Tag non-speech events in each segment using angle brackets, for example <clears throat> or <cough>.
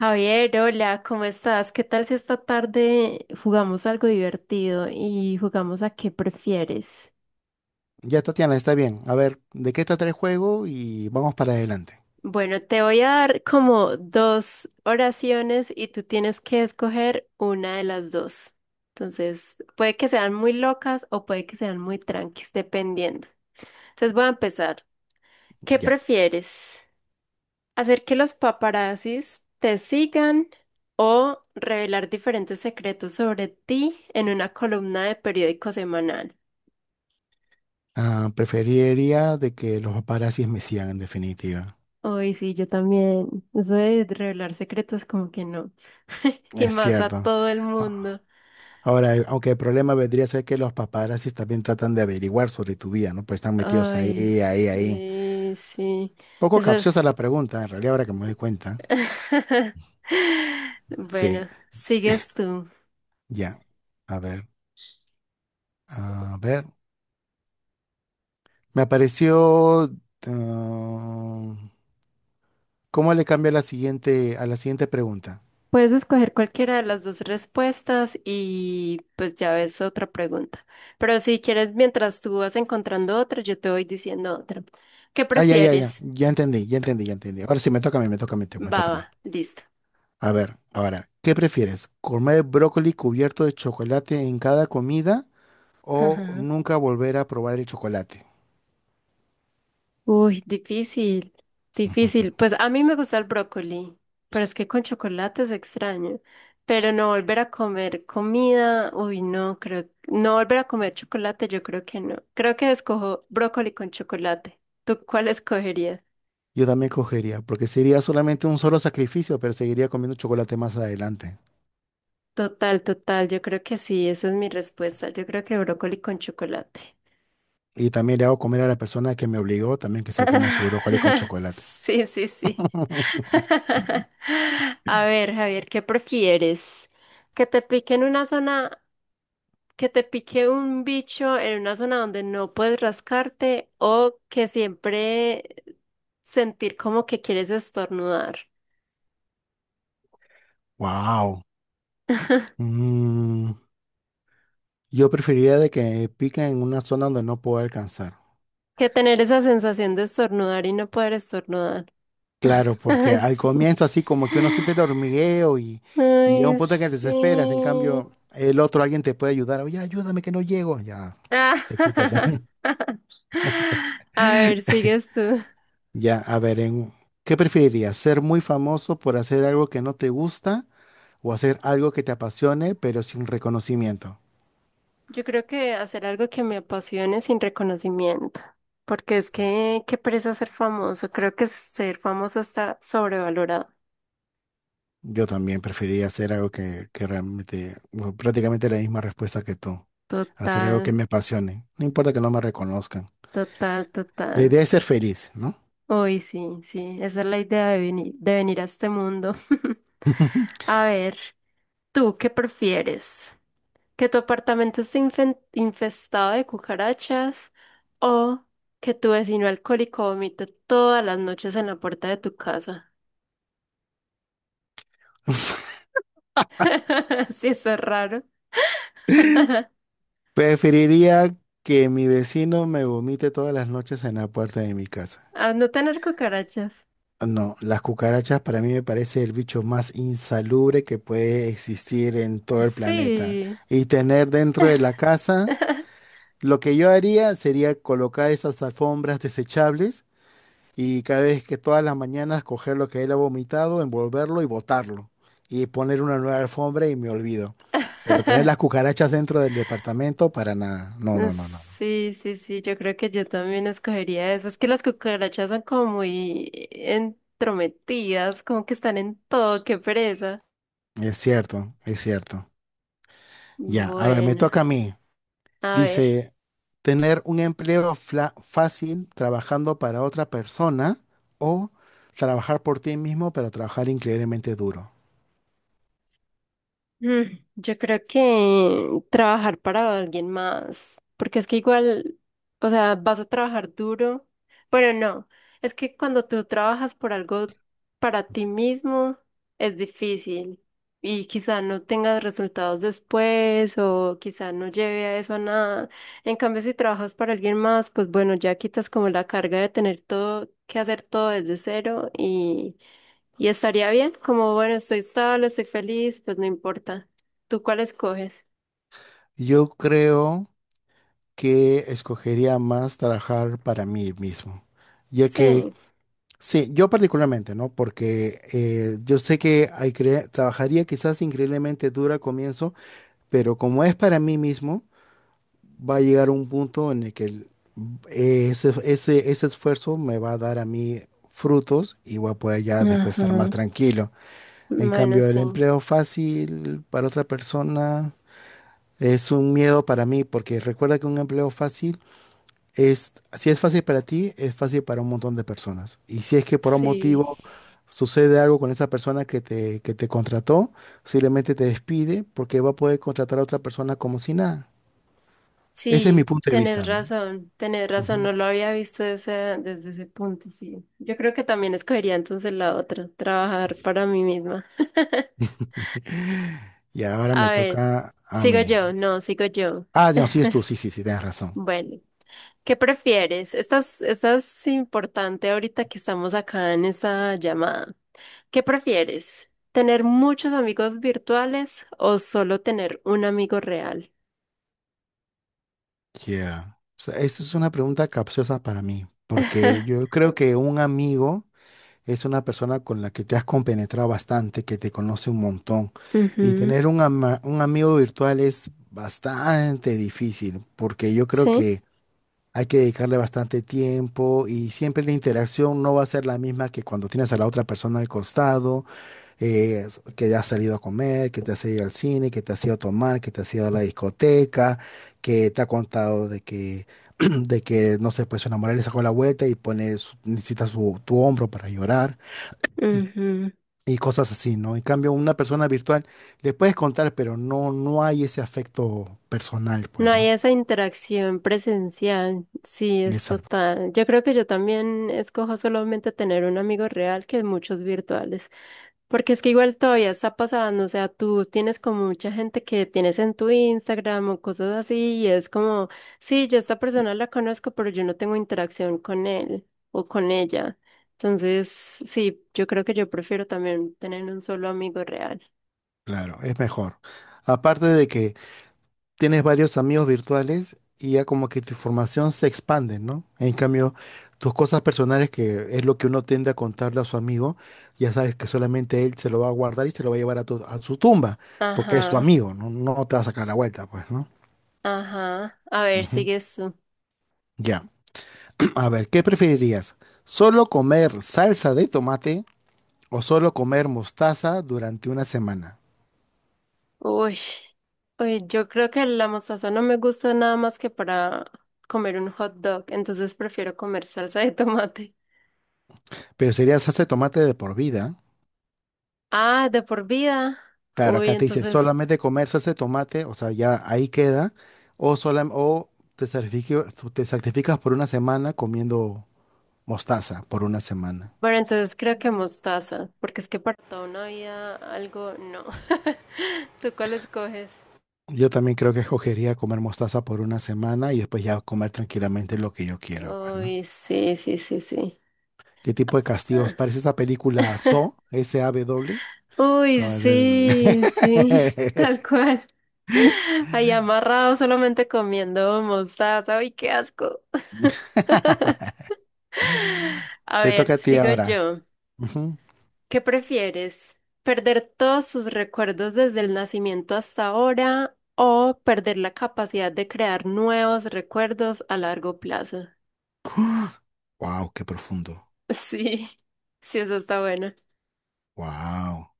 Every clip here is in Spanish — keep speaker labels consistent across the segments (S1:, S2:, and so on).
S1: Javier, hola, ¿cómo estás? ¿Qué tal si esta tarde jugamos algo divertido y jugamos a qué prefieres?
S2: Ya, Tatiana, está bien. A ver, ¿de qué trata el juego? Y vamos para adelante.
S1: Bueno, te voy a dar como dos oraciones y tú tienes que escoger una de las dos. Entonces, puede que sean muy locas o puede que sean muy tranquis, dependiendo. Entonces voy a empezar. ¿Qué
S2: Ya.
S1: prefieres? Hacer que los paparazzis te sigan o revelar diferentes secretos sobre ti en una columna de periódico semanal.
S2: Ah, preferiría de que los paparazzis me sigan, en definitiva.
S1: Uy, sí, yo también. Eso de revelar secretos como que no. <laughs> Y
S2: Es
S1: más a
S2: cierto.
S1: todo el
S2: Ah,
S1: mundo.
S2: Ahora, aunque el problema vendría a ser que los paparazzis también tratan de averiguar sobre tu vida, ¿no? Pues están metidos ahí,
S1: Ay,
S2: ahí.
S1: sí, sí.
S2: Poco
S1: Eso es-
S2: capciosa la pregunta, en realidad, ahora que me doy cuenta.
S1: <laughs>
S2: Sí,
S1: Bueno, sigues tú.
S2: ya. A ver, a ver. Me apareció... ah, ¿cómo le cambio a la siguiente pregunta?
S1: Puedes escoger cualquiera de las dos respuestas y pues ya ves otra pregunta. Pero si quieres, mientras tú vas encontrando otra, yo te voy diciendo otra. ¿Qué
S2: Ah, ya, ya, ya.
S1: prefieres?
S2: Ya entendí, ya entendí, ya entendí. Ahora sí, me toca a mí, me toca a mí, me toca a mí.
S1: Baba, listo.
S2: A ver, ahora, ¿qué prefieres? ¿Comer brócoli cubierto de chocolate en cada comida o
S1: Ajá.
S2: nunca volver a probar el chocolate?
S1: Uy, difícil, difícil. Pues a mí me gusta el brócoli, pero es que con chocolate es extraño. Pero no volver a comer comida, uy, no, creo, no volver a comer chocolate, yo creo que no. Creo que escojo brócoli con chocolate. ¿Tú cuál escogerías?
S2: Yo también cogería, porque sería solamente un solo sacrificio, pero seguiría comiendo chocolate más adelante.
S1: Total, total, yo creo que sí, esa es mi respuesta. Yo creo que brócoli con chocolate.
S2: Y también le hago comer a la persona que me obligó también que se coma su brócoli con
S1: <laughs>
S2: chocolate.
S1: Sí, sí, sí.
S2: <laughs>
S1: <laughs> A ver, Javier, ¿qué prefieres? ¿Que te pique en una zona, que te pique un bicho en una zona donde no puedes rascarte o que siempre sentir como que quieres estornudar?
S2: Wow. Mm, yo preferiría de que pica en una zona donde no puedo alcanzar.
S1: Que tener esa sensación de estornudar y no poder estornudar.
S2: Claro,
S1: <laughs>
S2: porque
S1: Ay,
S2: al
S1: sí.
S2: comienzo así como que uno siente el hormigueo y llega un
S1: Ay,
S2: punto en que te desesperas, en
S1: sí.
S2: cambio el otro alguien te puede ayudar, oye, ayúdame que no llego, ya te quitas.
S1: <laughs> A ver,
S2: <laughs>
S1: sigues tú.
S2: Ya, a ver, ¿qué preferirías? ¿Ser muy famoso por hacer algo que no te gusta o hacer algo que te apasione pero sin reconocimiento?
S1: Yo creo que hacer algo que me apasione sin reconocimiento, porque es
S2: Yeah.
S1: que qué pereza ser famoso. Creo que ser famoso está sobrevalorado.
S2: Yo también preferiría hacer algo que realmente, bueno, prácticamente la misma respuesta que tú, hacer algo que
S1: Total,
S2: me apasione, no importa que no me reconozcan.
S1: total,
S2: La
S1: total.
S2: idea es ser feliz, ¿no?
S1: Hoy sí, sí, esa es la idea de venir a este mundo. <laughs>
S2: <laughs>
S1: A ver, ¿tú qué prefieres? Que tu apartamento esté infestado de cucarachas o que tu vecino alcohólico vomite todas las noches en la puerta de tu casa. <laughs> Sí, eso es raro. <laughs>
S2: Preferiría que mi vecino me vomite todas las noches en la puerta de mi casa.
S1: A no tener cucarachas.
S2: No, las cucarachas para mí me parece el bicho más insalubre que puede existir en todo el planeta.
S1: Sí.
S2: Y tener dentro de la casa,
S1: <laughs>
S2: lo que yo haría sería colocar esas alfombras desechables y cada vez que todas las mañanas coger lo que él ha vomitado, envolverlo y botarlo. Y poner una nueva alfombra y me olvido. Pero tener las cucarachas dentro del departamento, para nada. No, no, no, no.
S1: Sí, sí, sí, yo creo que yo también escogería eso. Es que las cucarachas son como muy entrometidas, como que están en todo, qué pereza.
S2: Es cierto, es cierto. Ya, a ver, me
S1: Bueno,
S2: toca a mí.
S1: a ver.
S2: Dice, tener un empleo fácil trabajando para otra persona o trabajar por ti mismo, pero trabajar increíblemente duro.
S1: Yo creo que trabajar para alguien más, porque es que igual, o sea, vas a trabajar duro, bueno, no, es que cuando tú trabajas por algo para ti mismo es difícil y quizá no tengas resultados después o quizá no lleve a eso a nada. En cambio, si trabajas para alguien más, pues bueno, ya quitas como la carga de tener todo que hacer todo desde cero y estaría bien, como bueno, estoy estable, estoy feliz, pues no importa. ¿Tú cuál escoges?
S2: Yo creo que escogería más trabajar para mí mismo, ya que,
S1: Sí,
S2: sí, yo particularmente, ¿no? Porque yo sé que hay trabajaría quizás increíblemente duro al comienzo, pero como es para mí mismo, va a llegar un punto en el que ese esfuerzo me va a dar a mí frutos y voy a poder ya después estar más
S1: ajá,
S2: tranquilo. En
S1: bueno,
S2: cambio, el
S1: sí,
S2: empleo fácil para otra persona es un miedo para mí, porque recuerda que un empleo fácil es, si es fácil para ti, es fácil para un montón de personas. Y si es que por un
S1: sí,
S2: motivo sucede algo con esa persona que te contrató, simplemente te despide porque va a poder contratar a otra persona como si nada. Ese es mi
S1: sí,
S2: punto de vista, ¿no?
S1: tenés razón, no lo había visto desde, desde ese punto, sí. Yo creo que también escogería entonces la otra, trabajar para mí misma. <laughs>
S2: <laughs> Y ahora
S1: A
S2: me
S1: ver,
S2: toca a
S1: sigo
S2: mí.
S1: yo, no, sigo yo.
S2: Ah, no, sí es tú, sí, sí, sí, tienes razón.
S1: Bueno. ¿Qué prefieres? Esta es importante ahorita que estamos acá en esta llamada. ¿Qué prefieres? ¿Tener muchos amigos virtuales o solo tener un amigo real?
S2: Yeah. O sea, esa es una pregunta capciosa para mí, porque
S1: <laughs>
S2: yo creo que un amigo es una persona con la que te has compenetrado bastante, que te conoce un montón. Y
S1: Ujú.
S2: tener un, un amigo virtual es bastante difícil, porque yo creo
S1: Sí.
S2: que hay que dedicarle bastante tiempo y siempre la interacción no va a ser la misma que cuando tienes a la otra persona al costado. eh, que has salido a comer, que te has ido al cine, que te has ido a tomar, que te has ido a la discoteca, que te ha contado de que, <clears throat> de que no sé, pues su enamorada le sacó la vuelta y pone, necesita tu hombro para llorar
S1: Ujú.
S2: y cosas así, ¿no? En cambio, una persona virtual le puedes contar, pero no hay ese afecto personal,
S1: No
S2: pues,
S1: hay
S2: ¿no?
S1: esa interacción presencial, sí, es
S2: Exacto,
S1: total. Yo creo que yo también escojo solamente tener un amigo real que muchos virtuales, porque es que igual todavía está pasando, o sea, tú tienes como mucha gente que tienes en tu Instagram o cosas así, y es como, sí, yo a esta persona la conozco, pero yo no tengo interacción con él o con ella. Entonces, sí, yo creo que yo prefiero también tener un solo amigo real.
S2: claro, es mejor. Aparte de que tienes varios amigos virtuales y ya como que tu información se expande, ¿no? En cambio, tus cosas personales, que es lo que uno tiende a contarle a su amigo, ya sabes que solamente él se lo va a guardar y se lo va a llevar a, a su tumba, porque es tu
S1: Ajá,
S2: amigo, ¿no? No te va a sacar la vuelta, pues, ¿no?
S1: ajá. A ver,
S2: Ujú.
S1: sigues tú.
S2: Ya, <clears throat> a ver, ¿qué preferirías? ¿Solo comer salsa de tomate o solo comer mostaza durante una semana?
S1: Uy, uy, yo creo que la mostaza no me gusta nada más que para comer un hot dog, entonces prefiero comer salsa de tomate.
S2: Pero sería salsa de tomate de por vida.
S1: Ah, de por vida.
S2: Claro,
S1: Uy,
S2: acá te dice
S1: entonces,
S2: solamente comer salsa de tomate, o sea, ya ahí queda, o te sacrificas por una semana comiendo mostaza por una semana.
S1: bueno, entonces creo que mostaza, porque es que para toda una vida algo no. <laughs> ¿Tú cuál escoges?
S2: Yo también creo que escogería comer mostaza por una semana y después ya comer tranquilamente lo que yo quiero, pues, ¿no?
S1: Uy, sí, sí, sí, sí.
S2: ¿Qué tipo de castigos? Parece esa película Saw,
S1: <laughs>
S2: SAW.
S1: Uy,
S2: Toda-
S1: sí, sí, <laughs> tal
S2: <laughs>
S1: cual. Ahí amarrado solamente comiendo mostaza. Uy, qué asco. A
S2: Te
S1: ver,
S2: toca a ti
S1: sigo
S2: ahora.
S1: yo. ¿Qué prefieres? ¿Perder todos sus recuerdos desde el nacimiento hasta ahora o perder la capacidad de crear nuevos recuerdos a largo plazo? <laughs>
S2: Wow, <gasps> qué profundo.
S1: Sí, sí, eso está bueno.
S2: Wow.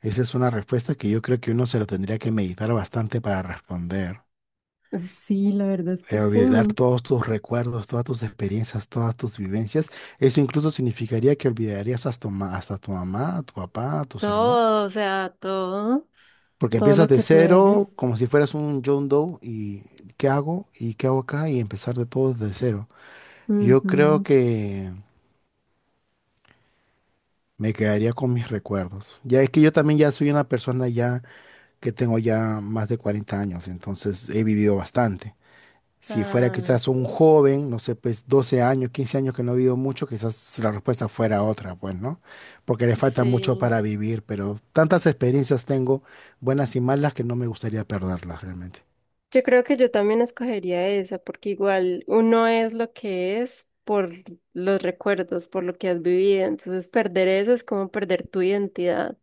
S2: Esa es una respuesta que yo creo que uno se lo tendría que meditar bastante para responder.
S1: Sí, la verdad es que sí.
S2: Olvidar todos tus recuerdos, todas tus experiencias, todas tus vivencias. Eso incluso significaría que olvidarías hasta, hasta tu mamá, tu papá, tus hermanos.
S1: Todo, o sea, todo.
S2: Porque
S1: Todo
S2: empiezas
S1: lo
S2: de
S1: que tú
S2: cero,
S1: eres.
S2: como si fueras un John Doe, y ¿qué hago? ¿Y qué hago acá? Y empezar de todo desde cero. Yo creo
S1: Ujú.
S2: que me quedaría con mis recuerdos. Ya es que yo también ya soy una persona ya que tengo ya más de 40 años, entonces he vivido bastante. Si fuera
S1: Ah,
S2: quizás un joven, no sé, pues 12 años, 15 años que no ha vivido mucho, quizás si la respuesta fuera otra, pues, ¿no? Porque le falta mucho
S1: sí.
S2: para vivir, pero tantas experiencias tengo, buenas y malas, que no me gustaría perderlas realmente.
S1: Yo creo que yo también escogería esa, porque igual uno es lo que es por los recuerdos, por lo que has vivido. Entonces, perder eso es como perder tu identidad.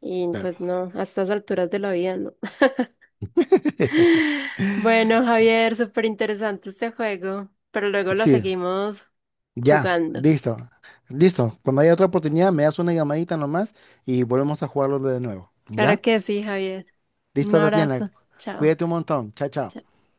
S1: Y pues
S2: Claro.
S1: no, a estas alturas de la vida no.
S2: <laughs>
S1: <laughs> Bueno, Javier, súper interesante este juego, pero luego lo
S2: Sí,
S1: seguimos
S2: ya,
S1: jugando.
S2: listo, listo. Cuando haya otra oportunidad, me das una llamadita nomás y volvemos a jugarlo de nuevo.
S1: Claro
S2: ¿Ya?
S1: que sí, Javier. Un
S2: Listo, Tatiana.
S1: abrazo. Chao.
S2: Cuídate un montón. Chao, chao.